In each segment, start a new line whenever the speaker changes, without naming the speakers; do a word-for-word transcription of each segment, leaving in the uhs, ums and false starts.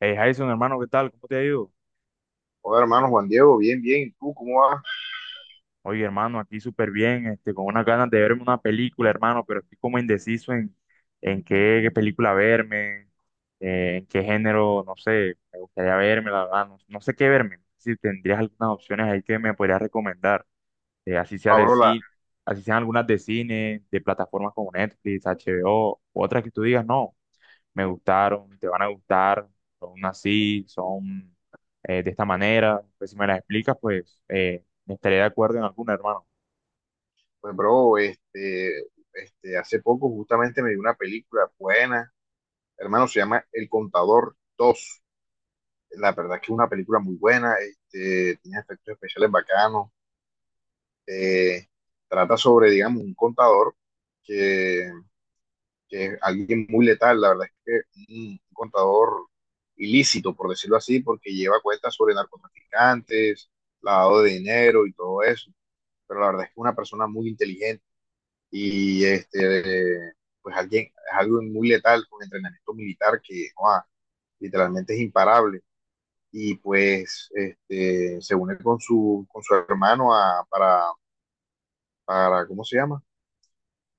Hey Jason, hermano, ¿qué tal? ¿Cómo te ha ido?
Hola, hermano Juan Diego, bien, bien. ¿Y tú cómo vas?
Oye, hermano, aquí súper bien, este, con unas ganas de verme una película, hermano, pero estoy como indeciso en, en qué, qué película verme, eh, en qué género, no sé, me gustaría verme, la verdad, no, no sé qué verme. Si tendrías algunas opciones ahí que me podrías recomendar, eh, así sea
Ah,
de
bro, la-
cine, así sean algunas de cine, de plataformas como Netflix, H B O, otras que tú digas, no, me gustaron, te van a gustar, son así, son eh, de esta manera. Pues si me las explicas, pues eh, estaré de acuerdo en alguna, hermano.
pues, bro, este, este, Hace poco justamente me vi una película buena, hermano. Se llama El Contador dos. La verdad que es una película muy buena, este, tiene efectos especiales bacanos. eh, Trata sobre, digamos, un contador que, que es alguien muy letal. La verdad es que un contador ilícito, por decirlo así, porque lleva cuentas sobre narcotraficantes, lavado de dinero y todo eso. Pero la verdad es que es una persona muy inteligente y este, eh, pues alguien, es algo muy letal con entrenamiento militar que, wow, literalmente es imparable. Y pues este, se une con su, con su hermano a, para, para, ¿cómo se llama?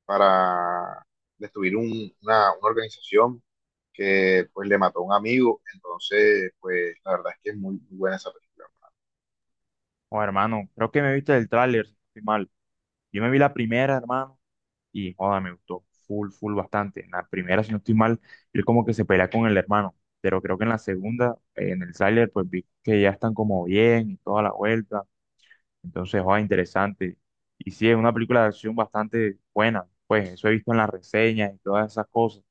Para destruir un, una, una organización que pues le mató a un amigo. Entonces, pues la verdad es que es muy, muy buena esa película.
O hermano, creo que me viste el tráiler, si no estoy mal. Yo me vi la primera, hermano, y joda, me gustó full, full bastante. En la primera, si no estoy mal, él como que se pelea con el hermano. Pero creo que en la segunda, eh, en el tráiler, pues vi que ya están como bien y toda la vuelta. Entonces, joda, interesante. Y sí, es una película de acción bastante buena. Pues eso he visto en las reseñas y todas esas cosas.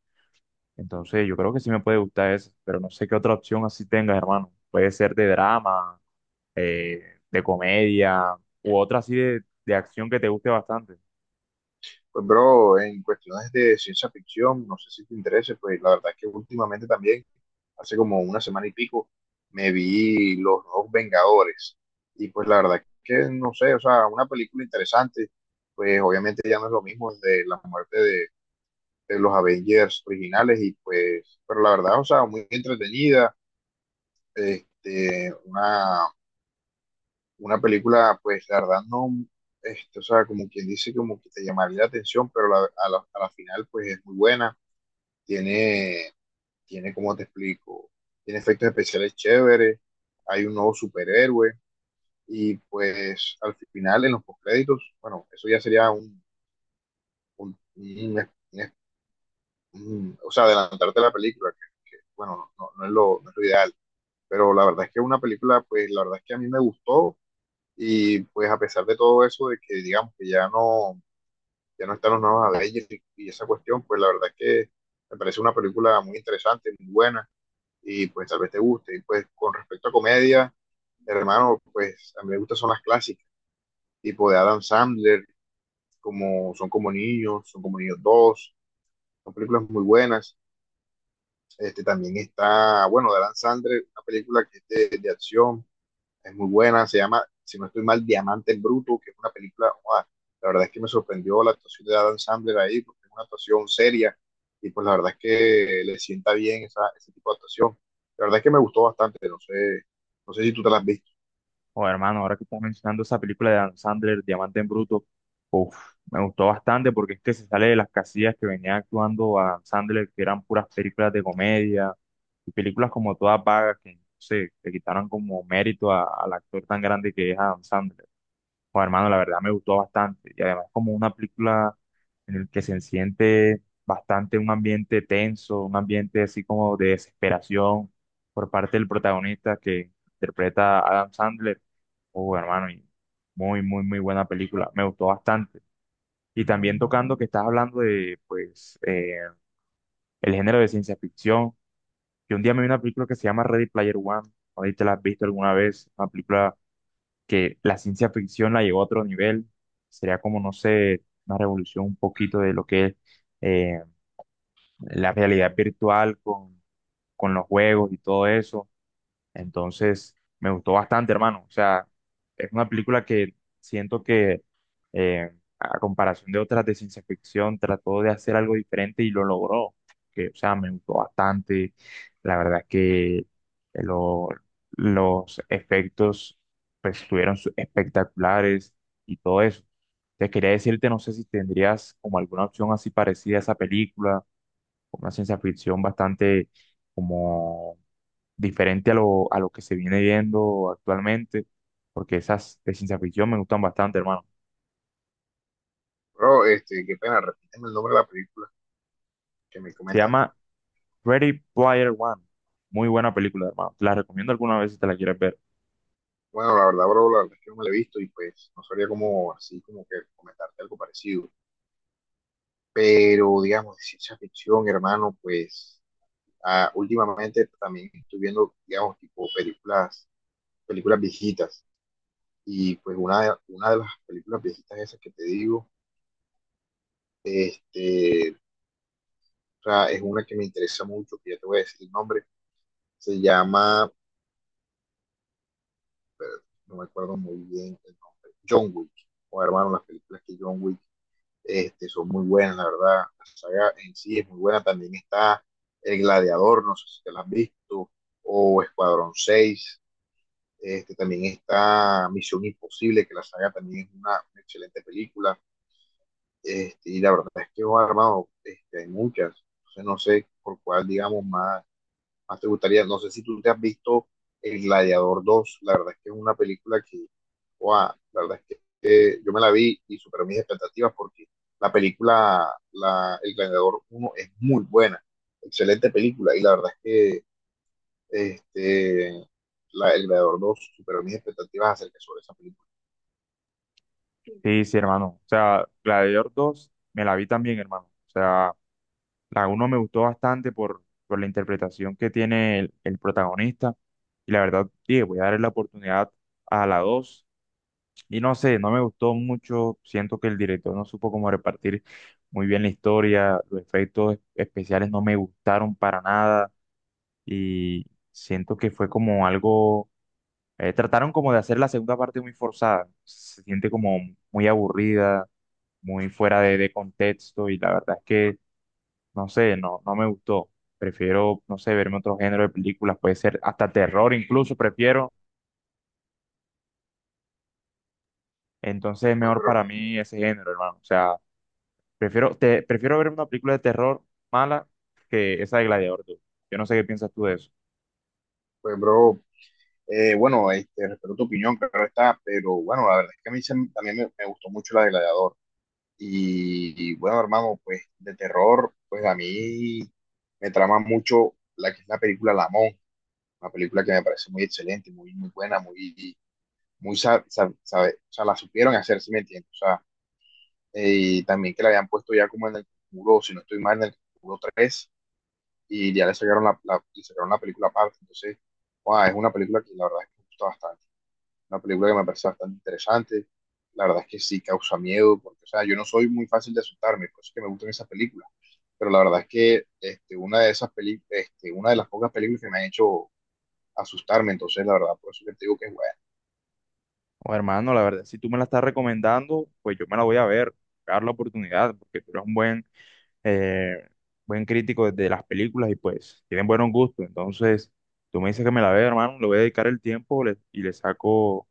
Entonces, yo creo que sí me puede gustar eso, pero no sé qué otra opción así tengas, hermano. Puede ser de drama, eh, de comedia, u otra así de, de acción que te guste bastante.
Pues, bro, en cuestiones de ciencia ficción, no sé si te interese, pues la verdad es que últimamente también, hace como una semana y pico, me vi Los Nuevos Vengadores. Y pues la verdad es que, no sé, o sea, una película interesante. Pues obviamente ya no es lo mismo de la muerte de, de los Avengers originales, y pues, pero la verdad, o sea, muy entretenida. Este, una, una película, pues la verdad no, este, o sea, como quien dice, como que te llamaría la atención, pero la- a la, a la final, pues es muy buena. Tiene, tiene, como te explico? Tiene efectos especiales chéveres, hay un nuevo superhéroe, y pues al final, en los postcréditos, bueno, eso ya sería un, un- un- un- un- o sea, adelantarte a la película, que, que, bueno, no, no es lo, no es lo ideal, pero la verdad es que una película, pues la verdad es que a mí me gustó. Y pues, a pesar de todo eso, de que digamos que ya no, ya no están los nuevos Avengers y, y esa cuestión, pues la verdad es que me parece una película muy interesante, muy buena, y pues tal vez te guste. Y pues, con respecto a comedia, hermano, pues a mí me gustan son las clásicas, tipo de Adam Sandler, como Son como niños, Son como niños dos. Son películas muy buenas. Este, también está, bueno, de Adam Sandler, una película que es de, de acción, es muy buena. Se llama, si no estoy mal, Diamante en Bruto, que es una película, wow, la verdad es que me sorprendió la actuación de Adam Sandler ahí, porque es una actuación seria, y pues la verdad es que le sienta bien esa, ese tipo de actuación. La verdad es que me gustó bastante. No sé, no sé si tú te la has visto,
O hermano, ahora que estás mencionando esa película de Dan Sandler, Diamante en Bruto, uf, me gustó bastante porque es que se sale de las casillas que venía actuando a Dan Sandler, que eran puras películas de comedia, y películas como todas vagas que, no sé, le quitaron como mérito a- al actor tan grande que es Adam Sandler. Pues hermano, la verdad me gustó bastante. Y además como una película en el que se siente bastante un ambiente tenso, un ambiente así como de desesperación por parte del protagonista que interpreta a Adam Sandler. Oh, hermano, y muy, muy, muy buena película. Me gustó bastante. Y también tocando que estás hablando de, pues, eh, el género de ciencia ficción. Yo un día me vi una película que se llama Ready Player One. No sé si te la has visto alguna vez. Una película que la ciencia ficción la llevó a otro nivel. Sería como, no sé, una revolución un poquito de lo que es eh, la realidad virtual con, con los juegos y todo eso. Entonces, me gustó bastante, hermano. O sea, es una película que siento que, eh, a comparación de otras de ciencia ficción, trató de hacer algo diferente y lo logró. Que, o sea, me gustó bastante. La verdad es que eh, lo- los efectos, pues, estuvieron su- espectaculares y todo eso. Te quería decirte, no sé si tendrías como alguna opción así parecida a esa película, una ciencia ficción bastante como diferente a lo, a lo que se viene viendo actualmente, porque esas de ciencia ficción me gustan bastante, hermano.
pero este, qué pena, repíteme el nombre de la película que me
Se
comentaste.
llama Ready Player One. Muy buena película, hermano. Te la recomiendo alguna vez si te la quieres ver.
Bueno, la verdad, bro, la verdad es que no me la he visto y pues no sabría como así como que comentarte algo parecido. Pero digamos, de ciencia ficción, hermano, pues, ah, últimamente también estoy viendo, digamos, tipo películas, películas, viejitas. Y pues una de, una de las películas viejitas esas que te digo, este, o sea, es una que me interesa mucho, que ya te voy a decir el nombre. Se llama, pero no me acuerdo muy bien el nombre, John Wick. O, hermano, las películas que John Wick, este, son muy buenas, la verdad. La saga en sí es muy buena. También está El Gladiador, no sé si te la has visto, o Escuadrón seis. Este, también está Misión Imposible, que la saga también es una, una excelente película. Este, y la verdad es que, oh, hermano, este, hay muchas. Entonces, no sé por cuál, digamos, más, más te gustaría. No sé si tú te has visto El Gladiador dos. La verdad es que es una película que, wow, la verdad es que eh, yo me la vi y superó mis expectativas, porque la película la, El Gladiador uno es muy buena, excelente película, y la verdad es que este, la- el Gladiador dos superó mis expectativas acerca sobre esa película.
Sí, sí, hermano. O sea, Gladiator dos me la vi también, hermano. O sea, la uno me gustó bastante por, por la interpretación que tiene el, el protagonista. Y la verdad, dije, voy a darle la oportunidad a la dos. Y no sé, no me gustó mucho. Siento que el director no supo cómo repartir muy bien la historia. Los efectos es- especiales no me gustaron para nada. Y siento que fue como algo. Eh, trataron como de hacer la segunda parte muy forzada. Se siente como muy aburrida, muy fuera de, de contexto. Y la verdad es que, no sé, no, no me gustó. Prefiero, no sé, verme otro género de películas. Puede ser hasta terror, incluso prefiero. Entonces es
Pues,
mejor
pero,
para mí ese género, hermano. O sea. Prefiero, te, prefiero ver una película de terror mala que esa de Gladiador, tú. Yo no sé qué piensas tú de eso.
pues, bro, eh, bueno, este, respeto tu opinión, claro está, pero bueno, la verdad es que a mí se- también me, me gustó mucho la de Gladiador. Y, y, bueno, hermano, pues de terror, pues a mí me trama mucho la que es la película La Monja, una película que me parece muy excelente, muy, muy buena, muy, muy, sa- sa- sabe- o sea, la supieron hacer, si me entiendes. O sea, eh, y también que la habían puesto ya como en el muro, si no estoy mal, en el muro tres, y ya le sacaron la, la- le sacaron la película aparte. Entonces, guau, es una película que la verdad es que me gusta bastante. Una película que me parece bastante interesante. La verdad es que sí causa miedo, porque, o sea, yo no soy muy fácil de asustarme, por eso es que me gustan esas películas. Pero la verdad es que este, una de esas peli este, una de las pocas películas que me han hecho asustarme. Entonces, la verdad, por eso que te digo que es buena.
O hermano, la verdad, si tú me la estás recomendando, pues yo me la voy a ver, dar la oportunidad, porque tú eres un buen eh, buen crítico de las películas y pues tienen buenos gustos. Entonces, tú me dices que me la vea, hermano, le voy a dedicar el tiempo le- y le saco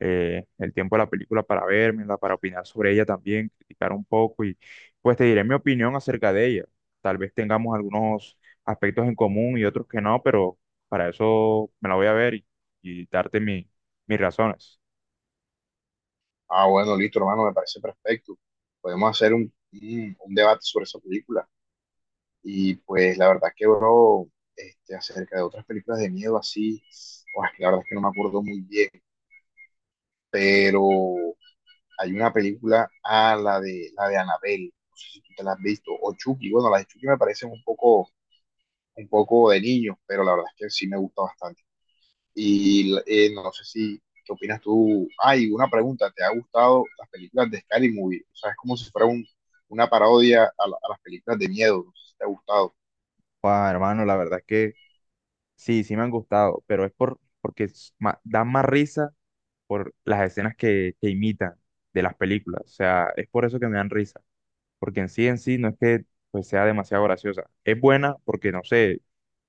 eh, el tiempo a la película para vérmela, para opinar sobre ella también, criticar un poco y pues te diré mi opinión acerca de ella. Tal vez tengamos algunos aspectos en común y otros que no, pero para eso me la voy a ver, y, y darte mi- mis razones.
Ah, bueno, listo, hermano, me parece perfecto. Podemos hacer un, un un debate sobre esa película. Y pues la verdad que, bro, este, acerca de otras películas de miedo así, pues, la verdad es que no me acuerdo muy bien, pero hay una película, ah, la de, la de Annabelle. No sé si tú te la has visto, o Chucky, bueno, las de Chucky me parecen un poco, un poco de niños, pero la verdad es que sí me gusta bastante. Y eh, no sé si, ¿qué opinas tú? Ay, una pregunta, ¿te ha gustado las películas de Scary Movie? O sea, es como si fuera un, una parodia a, la- a las películas de miedo, no sé si te ha gustado.
Guau, hermano, la verdad es que sí, sí me han gustado, pero es por, porque es ma- dan más risa por las escenas que, que imitan de las películas. O sea, es por eso que me dan risa, porque en sí en sí no es que pues, sea demasiado graciosa. Es buena porque, no sé,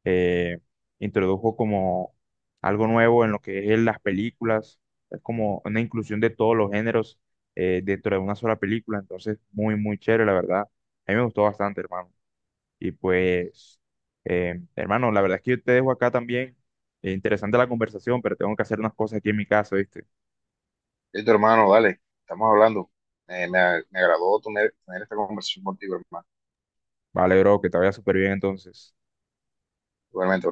eh, introdujo como algo nuevo en lo que es las películas, es como una inclusión de todos los géneros, eh, dentro de una sola película, entonces muy, muy chévere, la verdad. A mí me gustó bastante, hermano. Y pues, eh, hermano, la verdad es que yo te dejo acá también. Eh, interesante la conversación, pero tengo que hacer unas cosas aquí en mi casa, ¿viste?
Listo, hermano, dale, estamos hablando. Eh, me, me agradó tener, tener esta conversación contigo, hermano.
Vale, bro, que te vaya súper bien entonces.
Igualmente,